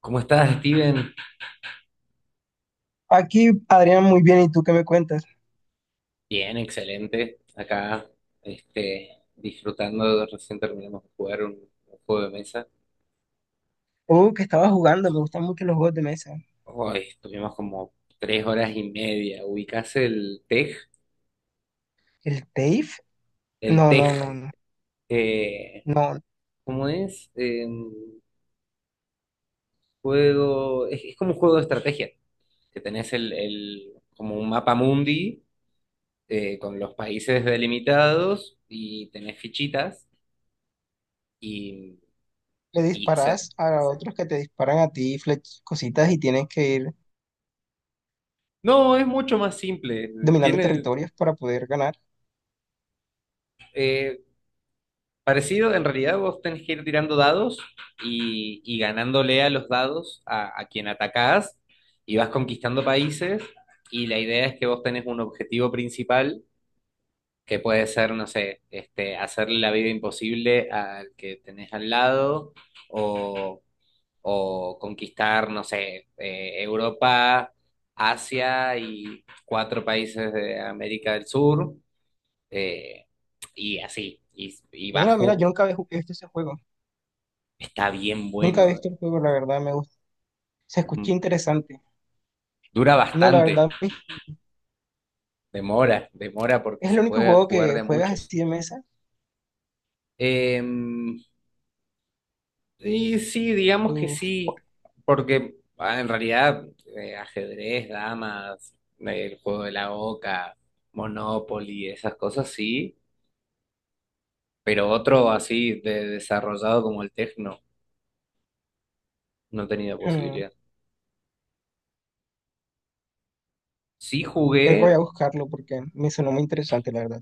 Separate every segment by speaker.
Speaker 1: ¿Cómo estás, Steven?
Speaker 2: Aquí, Adrián, muy bien. ¿Y tú qué me cuentas?
Speaker 1: Bien, excelente. Acá, disfrutando, recién terminamos de jugar un juego de mesa.
Speaker 2: Oh, que estaba jugando. Me gustan mucho los juegos de mesa.
Speaker 1: Hoy estuvimos como 3 horas y media. ¿Ubicás el tej?
Speaker 2: ¿El TAFE?
Speaker 1: El
Speaker 2: No,
Speaker 1: tej,
Speaker 2: no, no, no.
Speaker 1: eh,
Speaker 2: No,
Speaker 1: ¿cómo es? Es como un juego de estrategia, que tenés como un mapa mundi, con los países delimitados y tenés fichitas y,
Speaker 2: le
Speaker 1: y se-
Speaker 2: disparas a otros que te disparan a ti cositas y tienes que ir
Speaker 1: no, es mucho más simple.
Speaker 2: dominando
Speaker 1: Tiene,
Speaker 2: territorios para poder ganar.
Speaker 1: eh, parecido, en realidad vos tenés que ir tirando dados y ganándole a los dados a quien atacás y vas conquistando países y la idea es que vos tenés un objetivo principal que puede ser, no sé, este, hacerle la vida imposible al que tenés al lado o, o conquistar, no sé, Europa, Asia y cuatro países de América del Sur, eh, y así.
Speaker 2: Mira, mira, yo nunca había visto ese juego.
Speaker 1: Está bien
Speaker 2: Nunca había
Speaker 1: bueno.
Speaker 2: visto el juego, la verdad, me gusta. Se escucha
Speaker 1: Mm,
Speaker 2: interesante.
Speaker 1: dura
Speaker 2: No, la
Speaker 1: bastante.
Speaker 2: verdad,
Speaker 1: Demora, demora porque
Speaker 2: es el
Speaker 1: se
Speaker 2: único
Speaker 1: puede
Speaker 2: juego
Speaker 1: jugar de
Speaker 2: que
Speaker 1: a
Speaker 2: juegas
Speaker 1: muchos.
Speaker 2: así de mesa.
Speaker 1: Eh, y sí, digamos que
Speaker 2: Uf,
Speaker 1: sí, porque ah, en realidad ajedrez, damas, el juego de la oca, Monopoly, esas cosas sí, pero otro así de desarrollado como el Tecno no he tenido
Speaker 2: hmm,
Speaker 1: posibilidad. Sí
Speaker 2: creo que voy
Speaker 1: jugué,
Speaker 2: a buscarlo porque me sonó muy interesante, la verdad.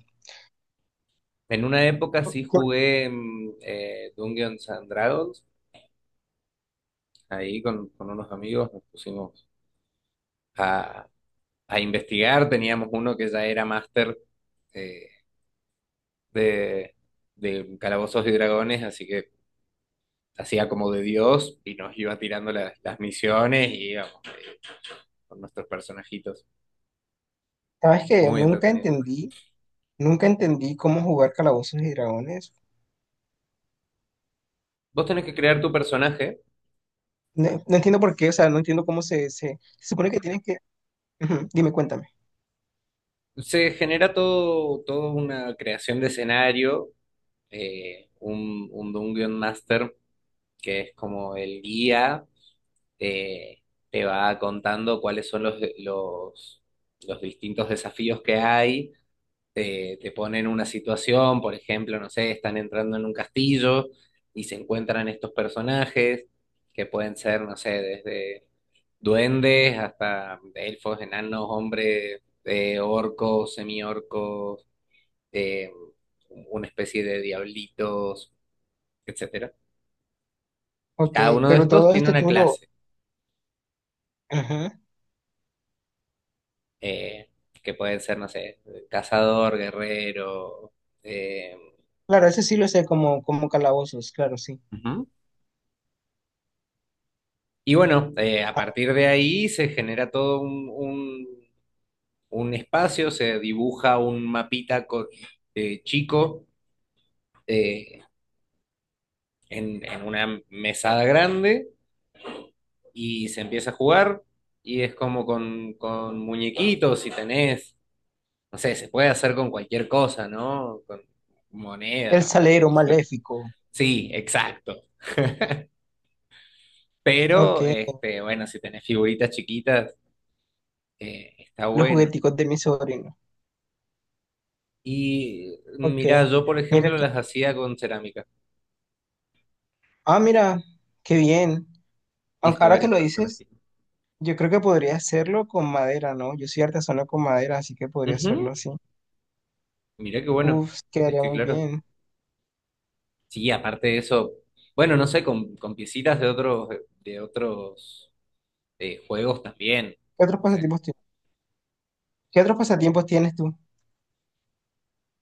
Speaker 1: en una época sí
Speaker 2: Por-
Speaker 1: jugué Dungeons and Dragons. Ahí con unos amigos nos pusimos a, a investigar. Teníamos uno que ya era máster, eh, de, de Calabozos y Dragones, así que hacía como de Dios y nos iba tirando las misiones y íbamos con nuestros personajitos.
Speaker 2: Sabes que
Speaker 1: Muy
Speaker 2: nunca
Speaker 1: entretenido.
Speaker 2: entendí Nunca entendí cómo jugar Calabozos y Dragones.
Speaker 1: Vos tenés que crear tu personaje.
Speaker 2: No, no entiendo por qué, o sea, no entiendo cómo se supone que tienes que... Ujú, dime, cuéntame.
Speaker 1: Se genera todo, toda una creación de escenario, un guion master, que es como el guía, te, te va contando cuáles son los los distintos desafíos que hay, te ponen una situación, por ejemplo, no sé, están entrando en un castillo y se encuentran estos personajes que pueden ser, no sé, desde duendes hasta elfos, enanos, hombres, orcos, semiorcos, eh, una especie de diablitos, etcétera. Y
Speaker 2: Ok,
Speaker 1: cada uno de
Speaker 2: pero
Speaker 1: estos
Speaker 2: todo
Speaker 1: tiene
Speaker 2: esto
Speaker 1: una
Speaker 2: tú lo...
Speaker 1: clase,
Speaker 2: Ujú.
Speaker 1: eh, que pueden ser, no sé, cazador, guerrero. eh,
Speaker 2: Claro, ese sí lo sé como Calabozos, claro, sí.
Speaker 1: Ujú. Y bueno, a
Speaker 2: Ah,
Speaker 1: partir de ahí se genera todo un espacio, se dibuja un mapita chico, eh, en una mesada grande y se empieza a jugar, y es como con muñequitos, si tenés, no sé, se puede hacer con cualquier cosa, ¿no? Con
Speaker 2: el
Speaker 1: monedas o lo
Speaker 2: salero
Speaker 1: que fue.
Speaker 2: maléfico.
Speaker 1: Sí, exacto.
Speaker 2: Ok,
Speaker 1: Pero, este, bueno, si tenés figuritas chiquitas, está
Speaker 2: los
Speaker 1: bueno.
Speaker 2: jugueticos de mi sobrino.
Speaker 1: Y
Speaker 2: Ok,
Speaker 1: mira, yo por
Speaker 2: mira
Speaker 1: ejemplo
Speaker 2: que...
Speaker 1: las hacía con cerámica.
Speaker 2: Ah, mira, qué bien. Aunque
Speaker 1: Hice
Speaker 2: ahora que
Speaker 1: varias
Speaker 2: lo
Speaker 1: personas.
Speaker 2: dices, yo creo que podría hacerlo con madera, ¿no? Yo soy artesano con madera, así que podría
Speaker 1: Ujú,
Speaker 2: hacerlo así.
Speaker 1: mirá qué bueno.
Speaker 2: Uf,
Speaker 1: Es
Speaker 2: quedaría
Speaker 1: que
Speaker 2: muy
Speaker 1: claro.
Speaker 2: bien.
Speaker 1: Sí, aparte de eso, bueno, no sé, con piecitas de otros, de otros, juegos también.
Speaker 2: ¿Qué otros
Speaker 1: O sea,
Speaker 2: pasatiempos ¿Qué otros pasatiempos tienes tú?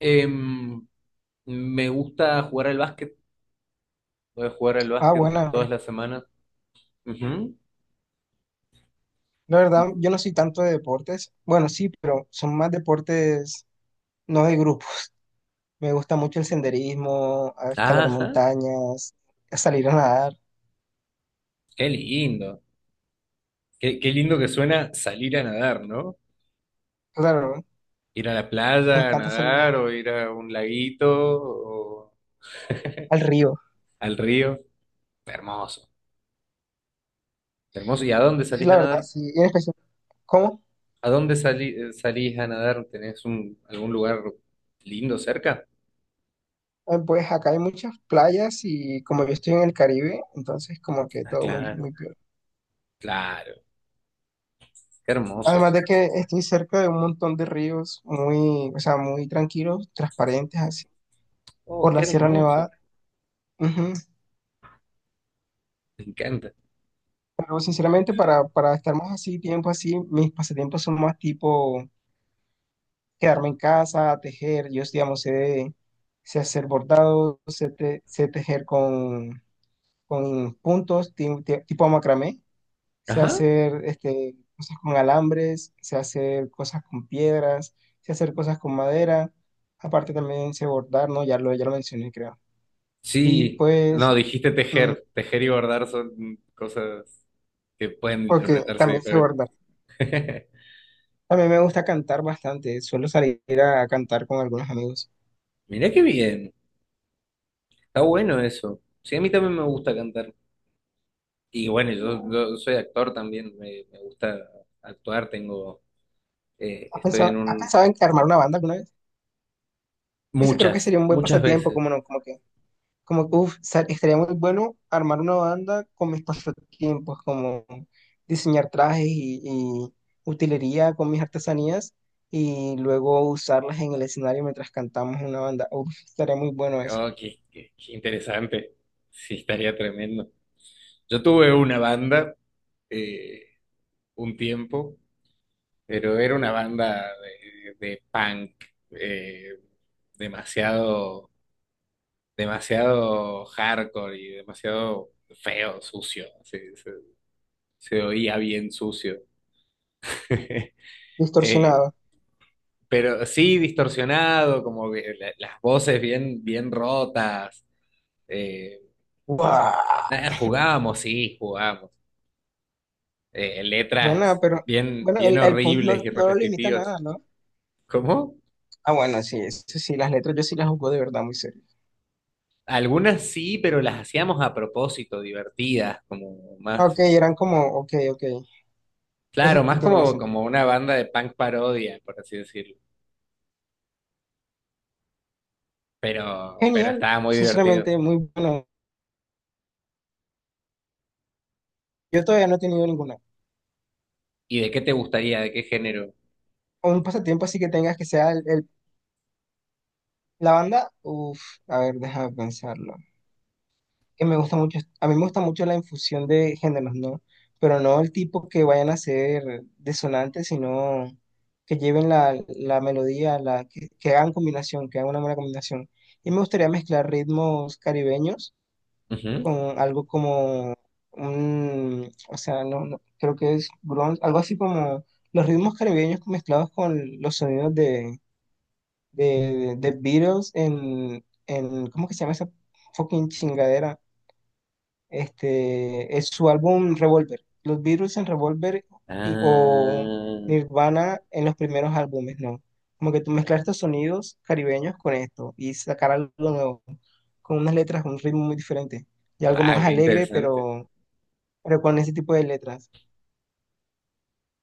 Speaker 1: em, me gusta jugar al básquet. Voy a jugar al
Speaker 2: Ah,
Speaker 1: básquet
Speaker 2: bueno,
Speaker 1: todas las semanas. Ujú.
Speaker 2: la verdad, yo no soy tanto de deportes. Bueno, sí, pero son más deportes no de grupo. Me gusta mucho el senderismo, a escalar
Speaker 1: Ajá,
Speaker 2: montañas, a salir a nadar.
Speaker 1: qué lindo. Qué, qué lindo que suena salir a nadar, ¿no?
Speaker 2: Claro,
Speaker 1: Ir a la playa
Speaker 2: me
Speaker 1: a
Speaker 2: encanta salir
Speaker 1: nadar o ir a un laguito o
Speaker 2: al río.
Speaker 1: al río. Hermoso, hermoso. ¿Y a dónde salís a
Speaker 2: La verdad,
Speaker 1: nadar?
Speaker 2: sí. Y en especial, ¿cómo?
Speaker 1: ¿A dónde salís a nadar? ¿Tenés un, algún lugar lindo cerca?
Speaker 2: Pues acá hay muchas playas y como yo estoy en el Caribe, entonces como que
Speaker 1: Ah,
Speaker 2: todo muy,
Speaker 1: claro,
Speaker 2: muy peor.
Speaker 1: claro. Qué hermoso,
Speaker 2: Además
Speaker 1: dice.
Speaker 2: de que estoy cerca de un montón de ríos muy, o sea, muy tranquilos, transparentes así,
Speaker 1: Oh,
Speaker 2: por
Speaker 1: qué
Speaker 2: la Sierra
Speaker 1: hermoso.
Speaker 2: Nevada. Ujú.
Speaker 1: Me encanta.
Speaker 2: No, sinceramente, para estar más así, tiempo así, mis pasatiempos son más tipo quedarme en casa, tejer. Yo, digamos, sé hacer bordado, sé tejer con puntos, tipo macramé. Sé
Speaker 1: Ajá.
Speaker 2: hacer cosas con alambres, sé hacer cosas con piedras, sé hacer cosas con madera. Aparte también sé bordar, ¿no? Ya lo mencioné, creo. Y
Speaker 1: Sí,
Speaker 2: pues,
Speaker 1: no, dijiste
Speaker 2: mm,
Speaker 1: tejer. Tejer y bordar son cosas que pueden
Speaker 2: ok,
Speaker 1: interpretarse
Speaker 2: también sé
Speaker 1: diferentes.
Speaker 2: bordar. A mí me gusta cantar bastante, suelo salir a cantar con algunos amigos.
Speaker 1: Mirá qué bien. Está bueno eso. Sí, a mí también me gusta cantar. Y bueno, yo soy actor también, me gusta actuar, tengo,
Speaker 2: ¿Has
Speaker 1: estoy en
Speaker 2: pensado, has
Speaker 1: un,
Speaker 2: pensado en armar una banda alguna vez? Ese creo que
Speaker 1: muchas,
Speaker 2: sería un buen
Speaker 1: muchas
Speaker 2: pasatiempo,
Speaker 1: veces.
Speaker 2: como no, como que, estaría muy bueno armar una banda con mis pasatiempos, como diseñar trajes y utilería con mis artesanías y luego usarlas en el escenario mientras cantamos una banda. Uf, estaría muy bueno eso.
Speaker 1: Oh, qué, qué interesante. Sí, estaría tremendo. Yo tuve una banda eh, un tiempo, pero era una banda de punk, eh, demasiado, demasiado hardcore y demasiado feo, sucio. Así, sí. Se oía bien sucio. Eh,
Speaker 2: Distorsionado.
Speaker 1: pero sí distorsionado, como que las voces bien, bien rotas. Eh,
Speaker 2: Buah.
Speaker 1: nada, jugábamos, sí, jugábamos.
Speaker 2: Buena,
Speaker 1: Letras
Speaker 2: pero
Speaker 1: bien,
Speaker 2: bueno,
Speaker 1: bien
Speaker 2: el punk no,
Speaker 1: horribles y
Speaker 2: no lo limita a
Speaker 1: repetitivas.
Speaker 2: nada, ¿no?
Speaker 1: ¿Cómo?
Speaker 2: Ah, bueno, sí, eso sí, las letras yo sí las jugó de verdad muy serio.
Speaker 1: Algunas sí, pero las hacíamos a propósito, divertidas, como
Speaker 2: Ok,
Speaker 1: más,
Speaker 2: eran como, ok, ok,
Speaker 1: claro,
Speaker 2: eso
Speaker 1: más
Speaker 2: tiene más
Speaker 1: como,
Speaker 2: sentido.
Speaker 1: como una banda de punk parodia, por así decirlo. Pero
Speaker 2: Genial,
Speaker 1: estaba muy divertido.
Speaker 2: sinceramente, muy bueno. Yo todavía no he tenido ninguna.
Speaker 1: ¿Y de qué te gustaría? ¿De qué género?
Speaker 2: Un pasatiempo así que tengas que sea la banda, uff, a ver, déjame pensarlo. Que me gusta mucho, A mí me gusta mucho la infusión de géneros, ¿no? Pero no el tipo que vayan a ser desonantes, sino que lleven la melodía, que hagan combinación, que hagan una buena combinación. Y me gustaría mezclar ritmos caribeños
Speaker 1: Ujú.
Speaker 2: con algo como o sea, no, no, creo que es grunge, algo así como los ritmos caribeños mezclados con los sonidos de Beatles en, ¿cómo que se llama esa fucking chingadera? Es su álbum Revolver, los Beatles en Revolver o
Speaker 1: Ah,
Speaker 2: Nirvana en los primeros álbumes, ¿no? Como que tú mezclar estos sonidos caribeños con esto y sacar algo nuevo, con unas letras, un ritmo muy diferente y algo
Speaker 1: guau,
Speaker 2: más
Speaker 1: qué
Speaker 2: alegre,
Speaker 1: interesante,
Speaker 2: pero con ese tipo de letras.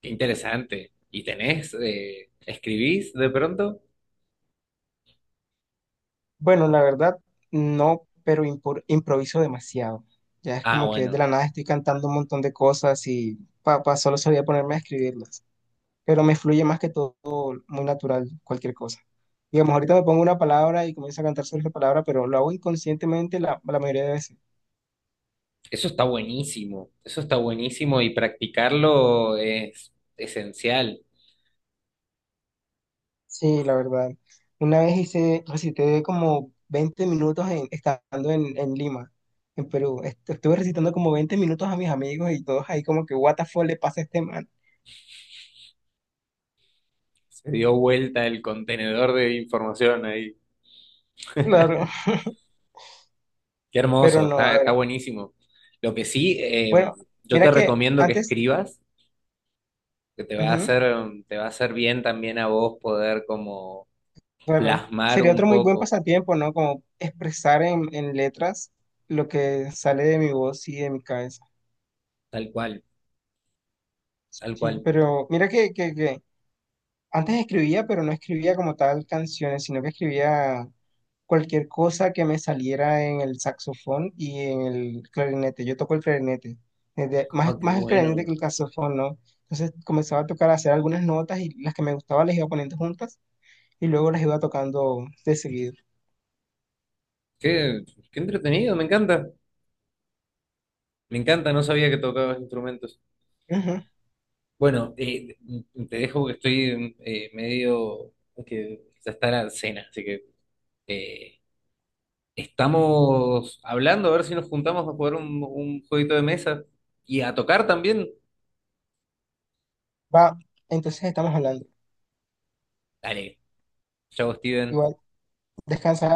Speaker 1: qué interesante. ¿Y tenés, escribís de pronto?
Speaker 2: Bueno, la verdad, no, pero improviso demasiado. Ya es
Speaker 1: Ah,
Speaker 2: como que de
Speaker 1: bueno,
Speaker 2: la nada estoy cantando un montón de cosas y papá, solo solía ponerme a escribirlas. Pero me fluye más que todo, muy natural, cualquier cosa. Digamos, ahorita me pongo una palabra y comienzo a cantar sobre esa palabra, pero lo hago inconscientemente la mayoría de veces.
Speaker 1: eso está buenísimo y practicarlo es esencial.
Speaker 2: Sí, la verdad. Una vez hice, recité como 20 minutos estando en Lima, en Perú. Estuve recitando como 20 minutos a mis amigos y todos ahí como que, what the fuck le pasa a este man.
Speaker 1: Se dio vuelta el contenedor de información ahí.
Speaker 2: Claro,
Speaker 1: Qué
Speaker 2: pero
Speaker 1: hermoso,
Speaker 2: no, a
Speaker 1: está, está
Speaker 2: ver.
Speaker 1: buenísimo. Lo que sí,
Speaker 2: Bueno,
Speaker 1: yo te
Speaker 2: mira que
Speaker 1: recomiendo que
Speaker 2: antes,
Speaker 1: escribas, que te va a
Speaker 2: ujú,
Speaker 1: hacer, te va a hacer bien también a vos poder como
Speaker 2: claro,
Speaker 1: plasmar
Speaker 2: sería otro
Speaker 1: un
Speaker 2: muy buen
Speaker 1: poco,
Speaker 2: pasatiempo, ¿no? Como expresar en letras lo que sale de mi voz y de mi cabeza.
Speaker 1: tal cual, tal
Speaker 2: Sí,
Speaker 1: cual.
Speaker 2: pero mira que antes escribía, pero no escribía como tal canciones, sino que escribía cualquier cosa que me saliera en el saxofón y en el clarinete. Yo toco el clarinete, más,
Speaker 1: Ah, qué
Speaker 2: más el clarinete
Speaker 1: bueno.
Speaker 2: que el saxofón, ¿no? Entonces comenzaba a tocar, a hacer algunas notas y las que me gustaban las iba poniendo juntas y luego las iba tocando de seguido.
Speaker 1: Qué, qué entretenido, me encanta. Me encanta, no sabía que tocabas instrumentos.
Speaker 2: Ujú.
Speaker 1: Bueno, te dejo que estoy medio que ya está la cena, así que eh, estamos hablando a ver si nos juntamos a jugar un jueguito de mesa y a tocar también.
Speaker 2: Va, entonces estamos hablando.
Speaker 1: Dale, chao, Steven.
Speaker 2: Igual, descansa.